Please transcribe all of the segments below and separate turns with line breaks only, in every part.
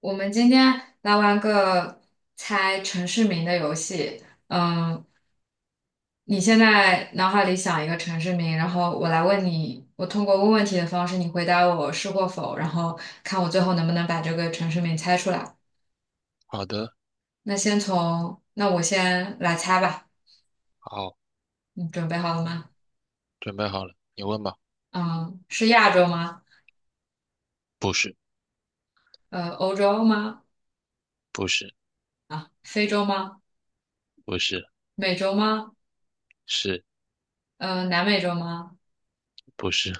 我们今天来玩个猜城市名的游戏。嗯，你现在脑海里想一个城市名，然后我来问你，我通过问问题的方式，你回答我是或否，然后看我最后能不能把这个城市名猜出来。
好的。
那我先来猜吧。
好，
你准备好了吗？
准备好了，你问吧。
嗯，是亚洲吗？
不是，
欧洲吗？
不是，
非洲吗？
不是，
美洲吗？
是，
南美洲吗？
不是，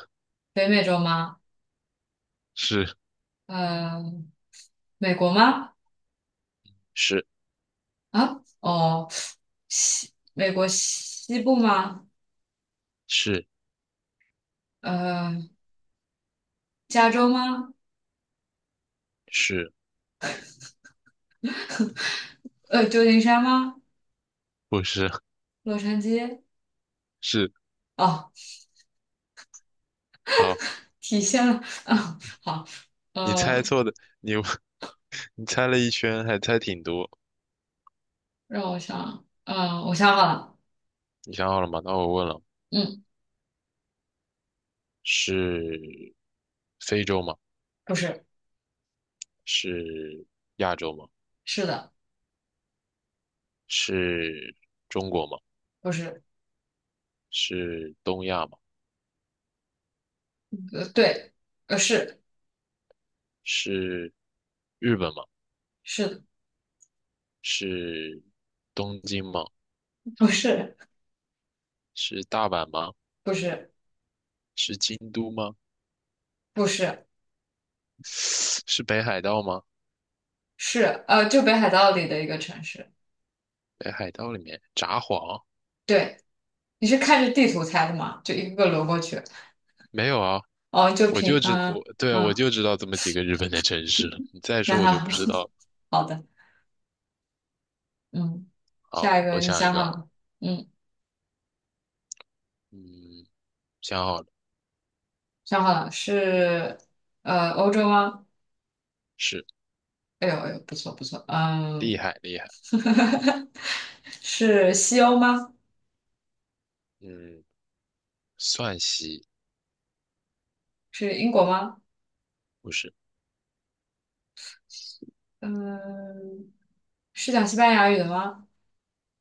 北美洲吗？
是，
呃，美国吗？
是，
啊，哦，美国西部吗？
是，
呃，加州吗？
是，
旧金山吗？
不是，
洛杉矶？
是。
哦，
好，
体现了，啊，好，
你猜
呃，
错的，你 你猜了一圈，还猜挺多。
让我想，我想好了，
你想好了吗？那我问了，
嗯，
是非洲吗？
不是，
是亚洲吗？
是的，
是中国吗？
不是，
是东亚吗？
对，是，
是日本吗？
是的，
是东京吗？
不是，
是大阪吗？
不是，
是京都吗？
不是，
是北海道吗？
是，就北海道里的一个城市，
北海道里面札幌。
对，你是看着地图猜的吗？就一个个轮过去，
没有啊？
哦，就
我就
凭，
知我对我
嗯。
就知道这么几个日本的城市了，你再
那
说我就
好，
不知道了。
好的，嗯，
好，
下一个
我
你
想一
想好
个啊。
了？嗯，
嗯，想好了。
想好了，是欧洲吗？
是。
哎呦哎呦，不错不错，
厉
嗯，
害厉害。
是西欧吗？
嗯，算西。
是英国吗？
不是。
嗯，是讲西班牙语的吗？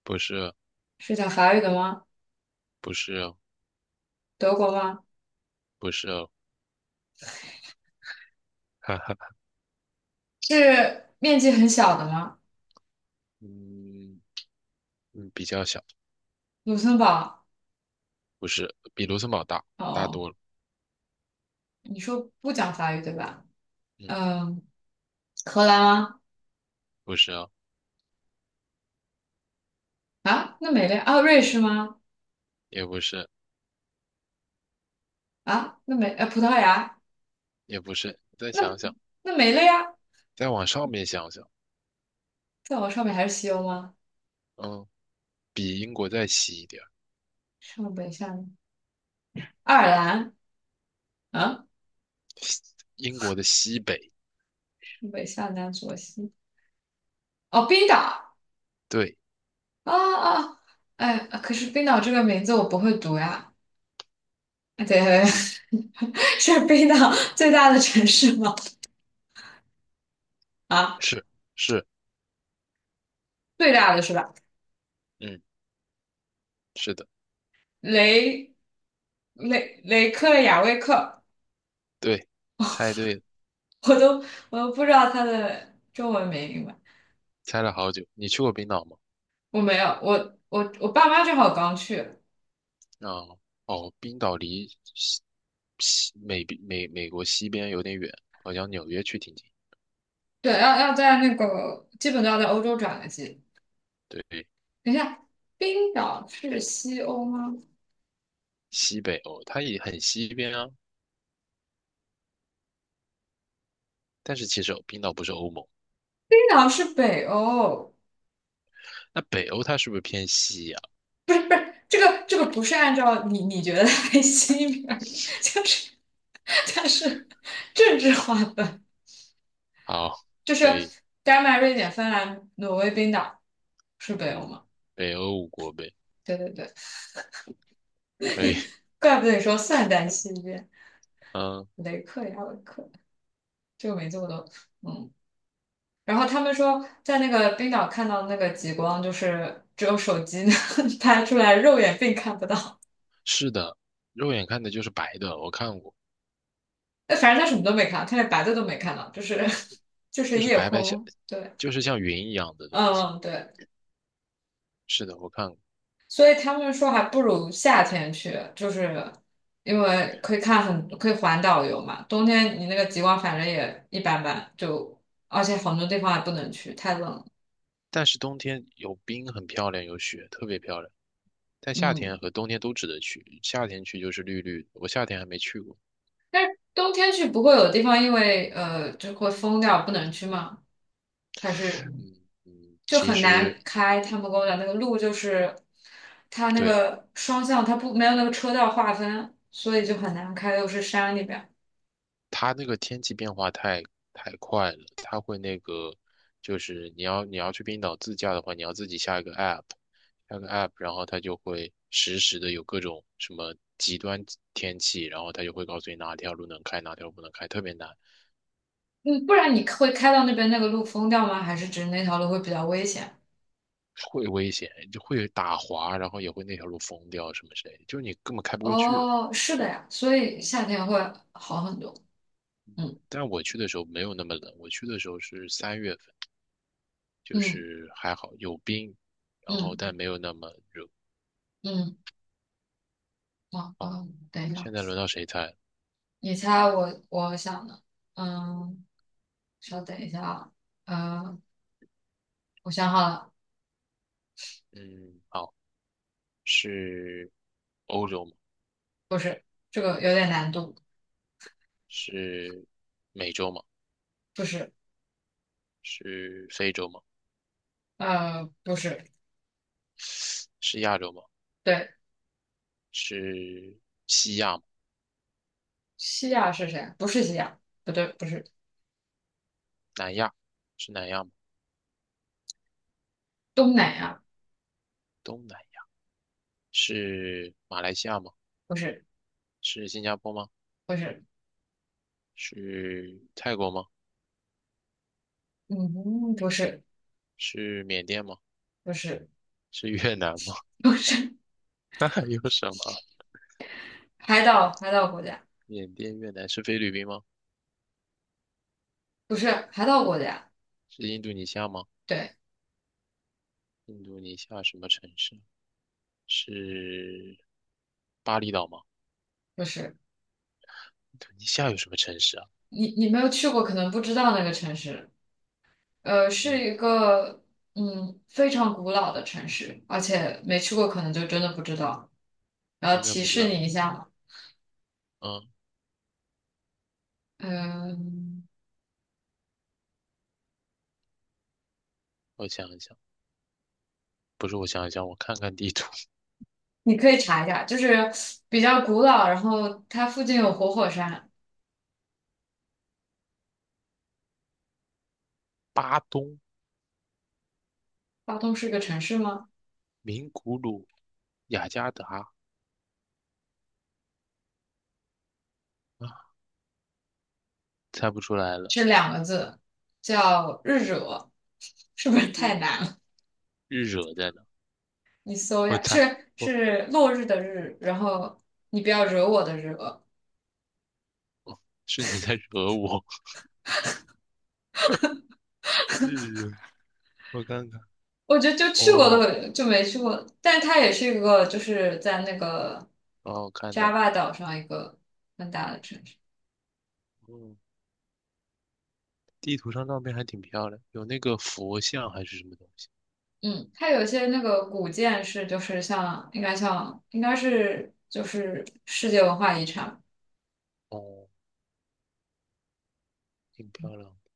不是哦。
是讲法语的吗？
不是哦。
德国吗？
不是哦。哈哈。
是面积很小的吗？
嗯嗯，比较小。
卢森堡？
不是，比卢森堡大，大
哦，
多了。
你说不讲法语对吧？
嗯。
嗯，荷兰吗？
不是啊。
啊，那没了啊，瑞士吗？
也不是。
啊，那没呃，葡萄牙。
也不是，再
那
想想。
那没了呀，
再往上面想想。
再往上面还是西欧吗？
嗯，比英国再西一点。
上北下南，爱尔兰啊，
英国的西北。
上北下南左西哦，冰岛
对。
啊啊，哎，可是冰岛这个名字我不会读呀，哎对，对对
嗯。
是冰岛最大的城市吗？啊，
是。是。
最大的是吧？
嗯。是的。
雷雷雷克雅未克，
对，猜对了。
我都我都不知道它的中文名吧，
猜了好久。你去过冰岛吗？
我没有，我我爸妈正好刚去，
啊、哦，冰岛离西西美美美国西边有点远，好像纽约去挺近。
对，要在那个基本都要在欧洲转个机。
对。
等一下，冰岛是西欧吗？
西北欧，它也很西边啊，但是其实冰岛不是欧盟。
冰岛是北欧，
那北欧它是不是偏西呀、
这个不是按照你觉得为西边，就是它是政治划分，
好，
就是
可以。
丹麦、瑞典、芬兰、挪威、冰岛是北欧
嗯，
吗？
北欧五国呗。
对对对，
可以。
怪不得你说散在西边，
嗯。
雷克雅未克这个名字我都嗯。然后他们说，在那个冰岛看到那个极光，就是只有手机能 拍出来，肉眼并看不到。
是的，肉眼看的就是白的，我看过。
哎，反正他什么都没看，他连白的都没看到，就是 就是
就是
夜
白白像，
空。对，
就是像云一样的东西。
嗯，对，
是的，我看过。
所以他们说还不如夏天去，就是因为可以看很可以环岛游嘛。冬天你那个极光反正也一般般，就而且很多地方也不能去，太冷了。
但是冬天有冰，很漂亮，有雪，特别漂亮。但夏
嗯。
天和冬天都值得去。夏天去就是绿绿的，我夏天还没去过。
冬天去不会有地方因为就会封掉不能去吗？还是
嗯嗯，
就
其
很
实
难开？他们跟我讲那个路就是它那
对，
个双向它不没有那个车道划分，所以就很难开，又是山里边。
它那个天气变化太快了，它会那个，就是你要去冰岛自驾的话，你要自己下一个 app,下个 app,然后它就会实时的有各种什么极端天气，然后它就会告诉你哪条路能开，哪条路不能开，特别难。
嗯，不然你会开到那边那个路封掉吗？还是只是那条路会比较危险？
会危险，就会打滑，然后也会那条路封掉什么之类的，就是你根本开不过去了。
哦，是的呀，所以夏天会好很多。嗯
但我去的时候没有那么冷，我去的时候是三月份，就
嗯
是还好有冰，然后但
嗯
没有那么热。
嗯，哦
哦，
哦，等一下，
现在轮到谁猜了？
你猜我想的，嗯。稍等一下啊，呃，我想好了，
嗯，好。是欧洲吗？
不是，这个有点难度，
是美洲吗？
不是，
是非洲吗？
不是，
是亚洲吗？
对，
是西亚吗？
西亚是谁啊？不是西亚，不对，不是
南亚？是南亚吗？
东南亚，
东南亚？是马来西亚吗？
不是，
是新加坡吗？
不是，
是泰国吗？
嗯，不是，
是缅甸吗？
不是，
是越南吗？
不是，
那还有什么？
海岛海岛国家，
缅甸、越南，是菲律宾吗？
不是海岛国家，
是印度尼西亚吗？
对，
印度尼西亚什么城市？是巴厘岛吗？
不是，
印度尼西亚有什么城市啊？
你没有去过，可能不知道那个城市，是
嗯，
一个非常古老的城市，而且没去过，可能就真的不知道。然后
真的
提
不知
示
道。
你一下
嗯，
嗯，
我想一想，不是，我想一想，我看看地图。
你可以查一下，就是比较古老，然后它附近有活火山。
巴东、
巴东是个城市吗？
名古鲁、雅加达，啊，猜不出来了。
是两个字，叫日惹，是不是太
日。
难了？
日惹在哪？
你搜一
我
下，
猜，
是
我。
是落日的日，然后你不要惹我的惹。
是你在惹我。日惹，我看看。
我觉得就去过
哦
的就没去过，但它也是一个就是在那个
哦，看到。
Java 岛上一个很大的城市。
嗯，地图上照片还挺漂亮，有那个佛像还是什么东西。
嗯，它有些那个古建是就是像应该是就是世界文化遗产。
哦，挺漂亮的。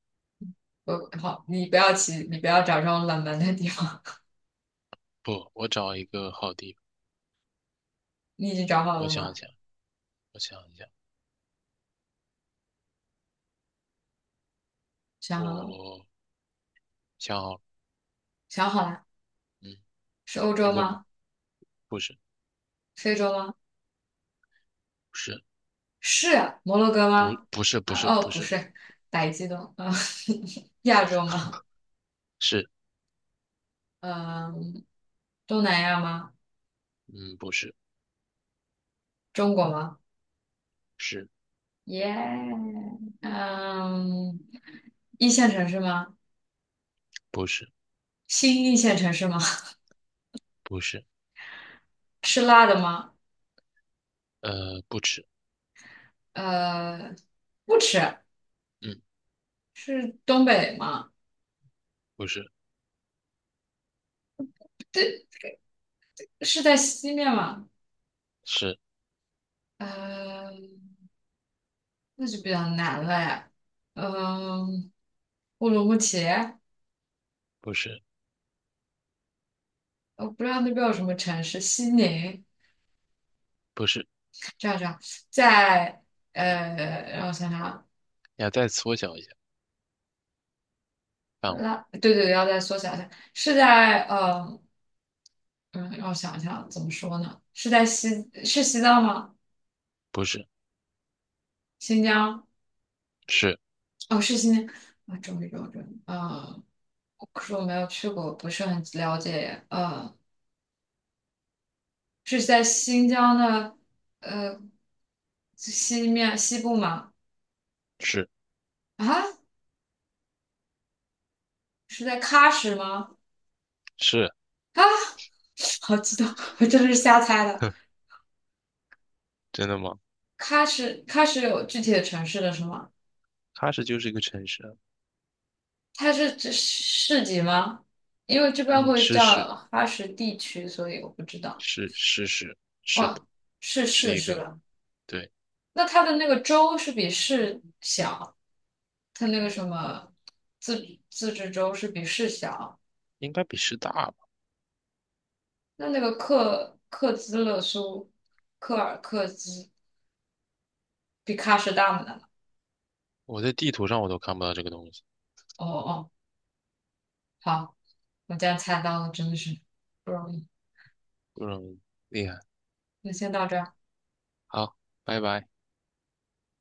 好，你不要起，你不要找这种冷门的地方。
不，我找一个好地方。
你已经找好
我
了
想一
吗？
想，我想一想，
想
我
好了，
想好了。
想好了，
嗯，
是欧
你
洲
问吧。
吗？
不是，
非洲吗？
不是，
是啊摩洛哥
不，
吗？
不是，不是。不
不
是，
是，打激动啊，亚洲吗？
是。
嗯、东南亚吗？
嗯，不是。
中国吗？
是。
耶、嗯，一线城市吗？
不是。
新一线城市吗？
不是。
吃辣的吗？
不吃。
呃，不吃，
嗯，
是东北吗？
不是。
对，是在西面吗？
是。
呃，那就比较难了呀。嗯、乌鲁木齐，
不是。
我不知道那边有什么城市，西宁，
不是。
这样这样，在呃，让我想想啊，
你要再缩小一下范围。
拉，对对对，要再缩小一下，是在嗯，让我想一想怎么说呢？是在西，是西藏吗？
不是。
新疆？
是。
哦，是新疆啊，终于可是我没有去过，不是很了解耶是在新疆的呃西部吗？
是。
啊，是在喀什吗？
是。
啊，好激动，我这是瞎猜的。
真的吗？
喀什，喀什有具体的城市的是吗？
喀什就是一个城市啊。
它是指市级吗？因为这边
嗯，
会
是
叫
是
喀什地区，所以我不知道。
是是是是的。
哦，是
是
市
一
是
个，
吧？
对。
那它的那个州是比市小，它那个什么自治州是比市小。
应该比师大吧？
那那个克克孜勒苏，克尔克孜比喀什大吗？
我在地图上我都看不到这个东西。
哦哦，好，我竟然猜到了，真的是不容易。
嗯，厉害。
那先到这儿。
好，拜拜。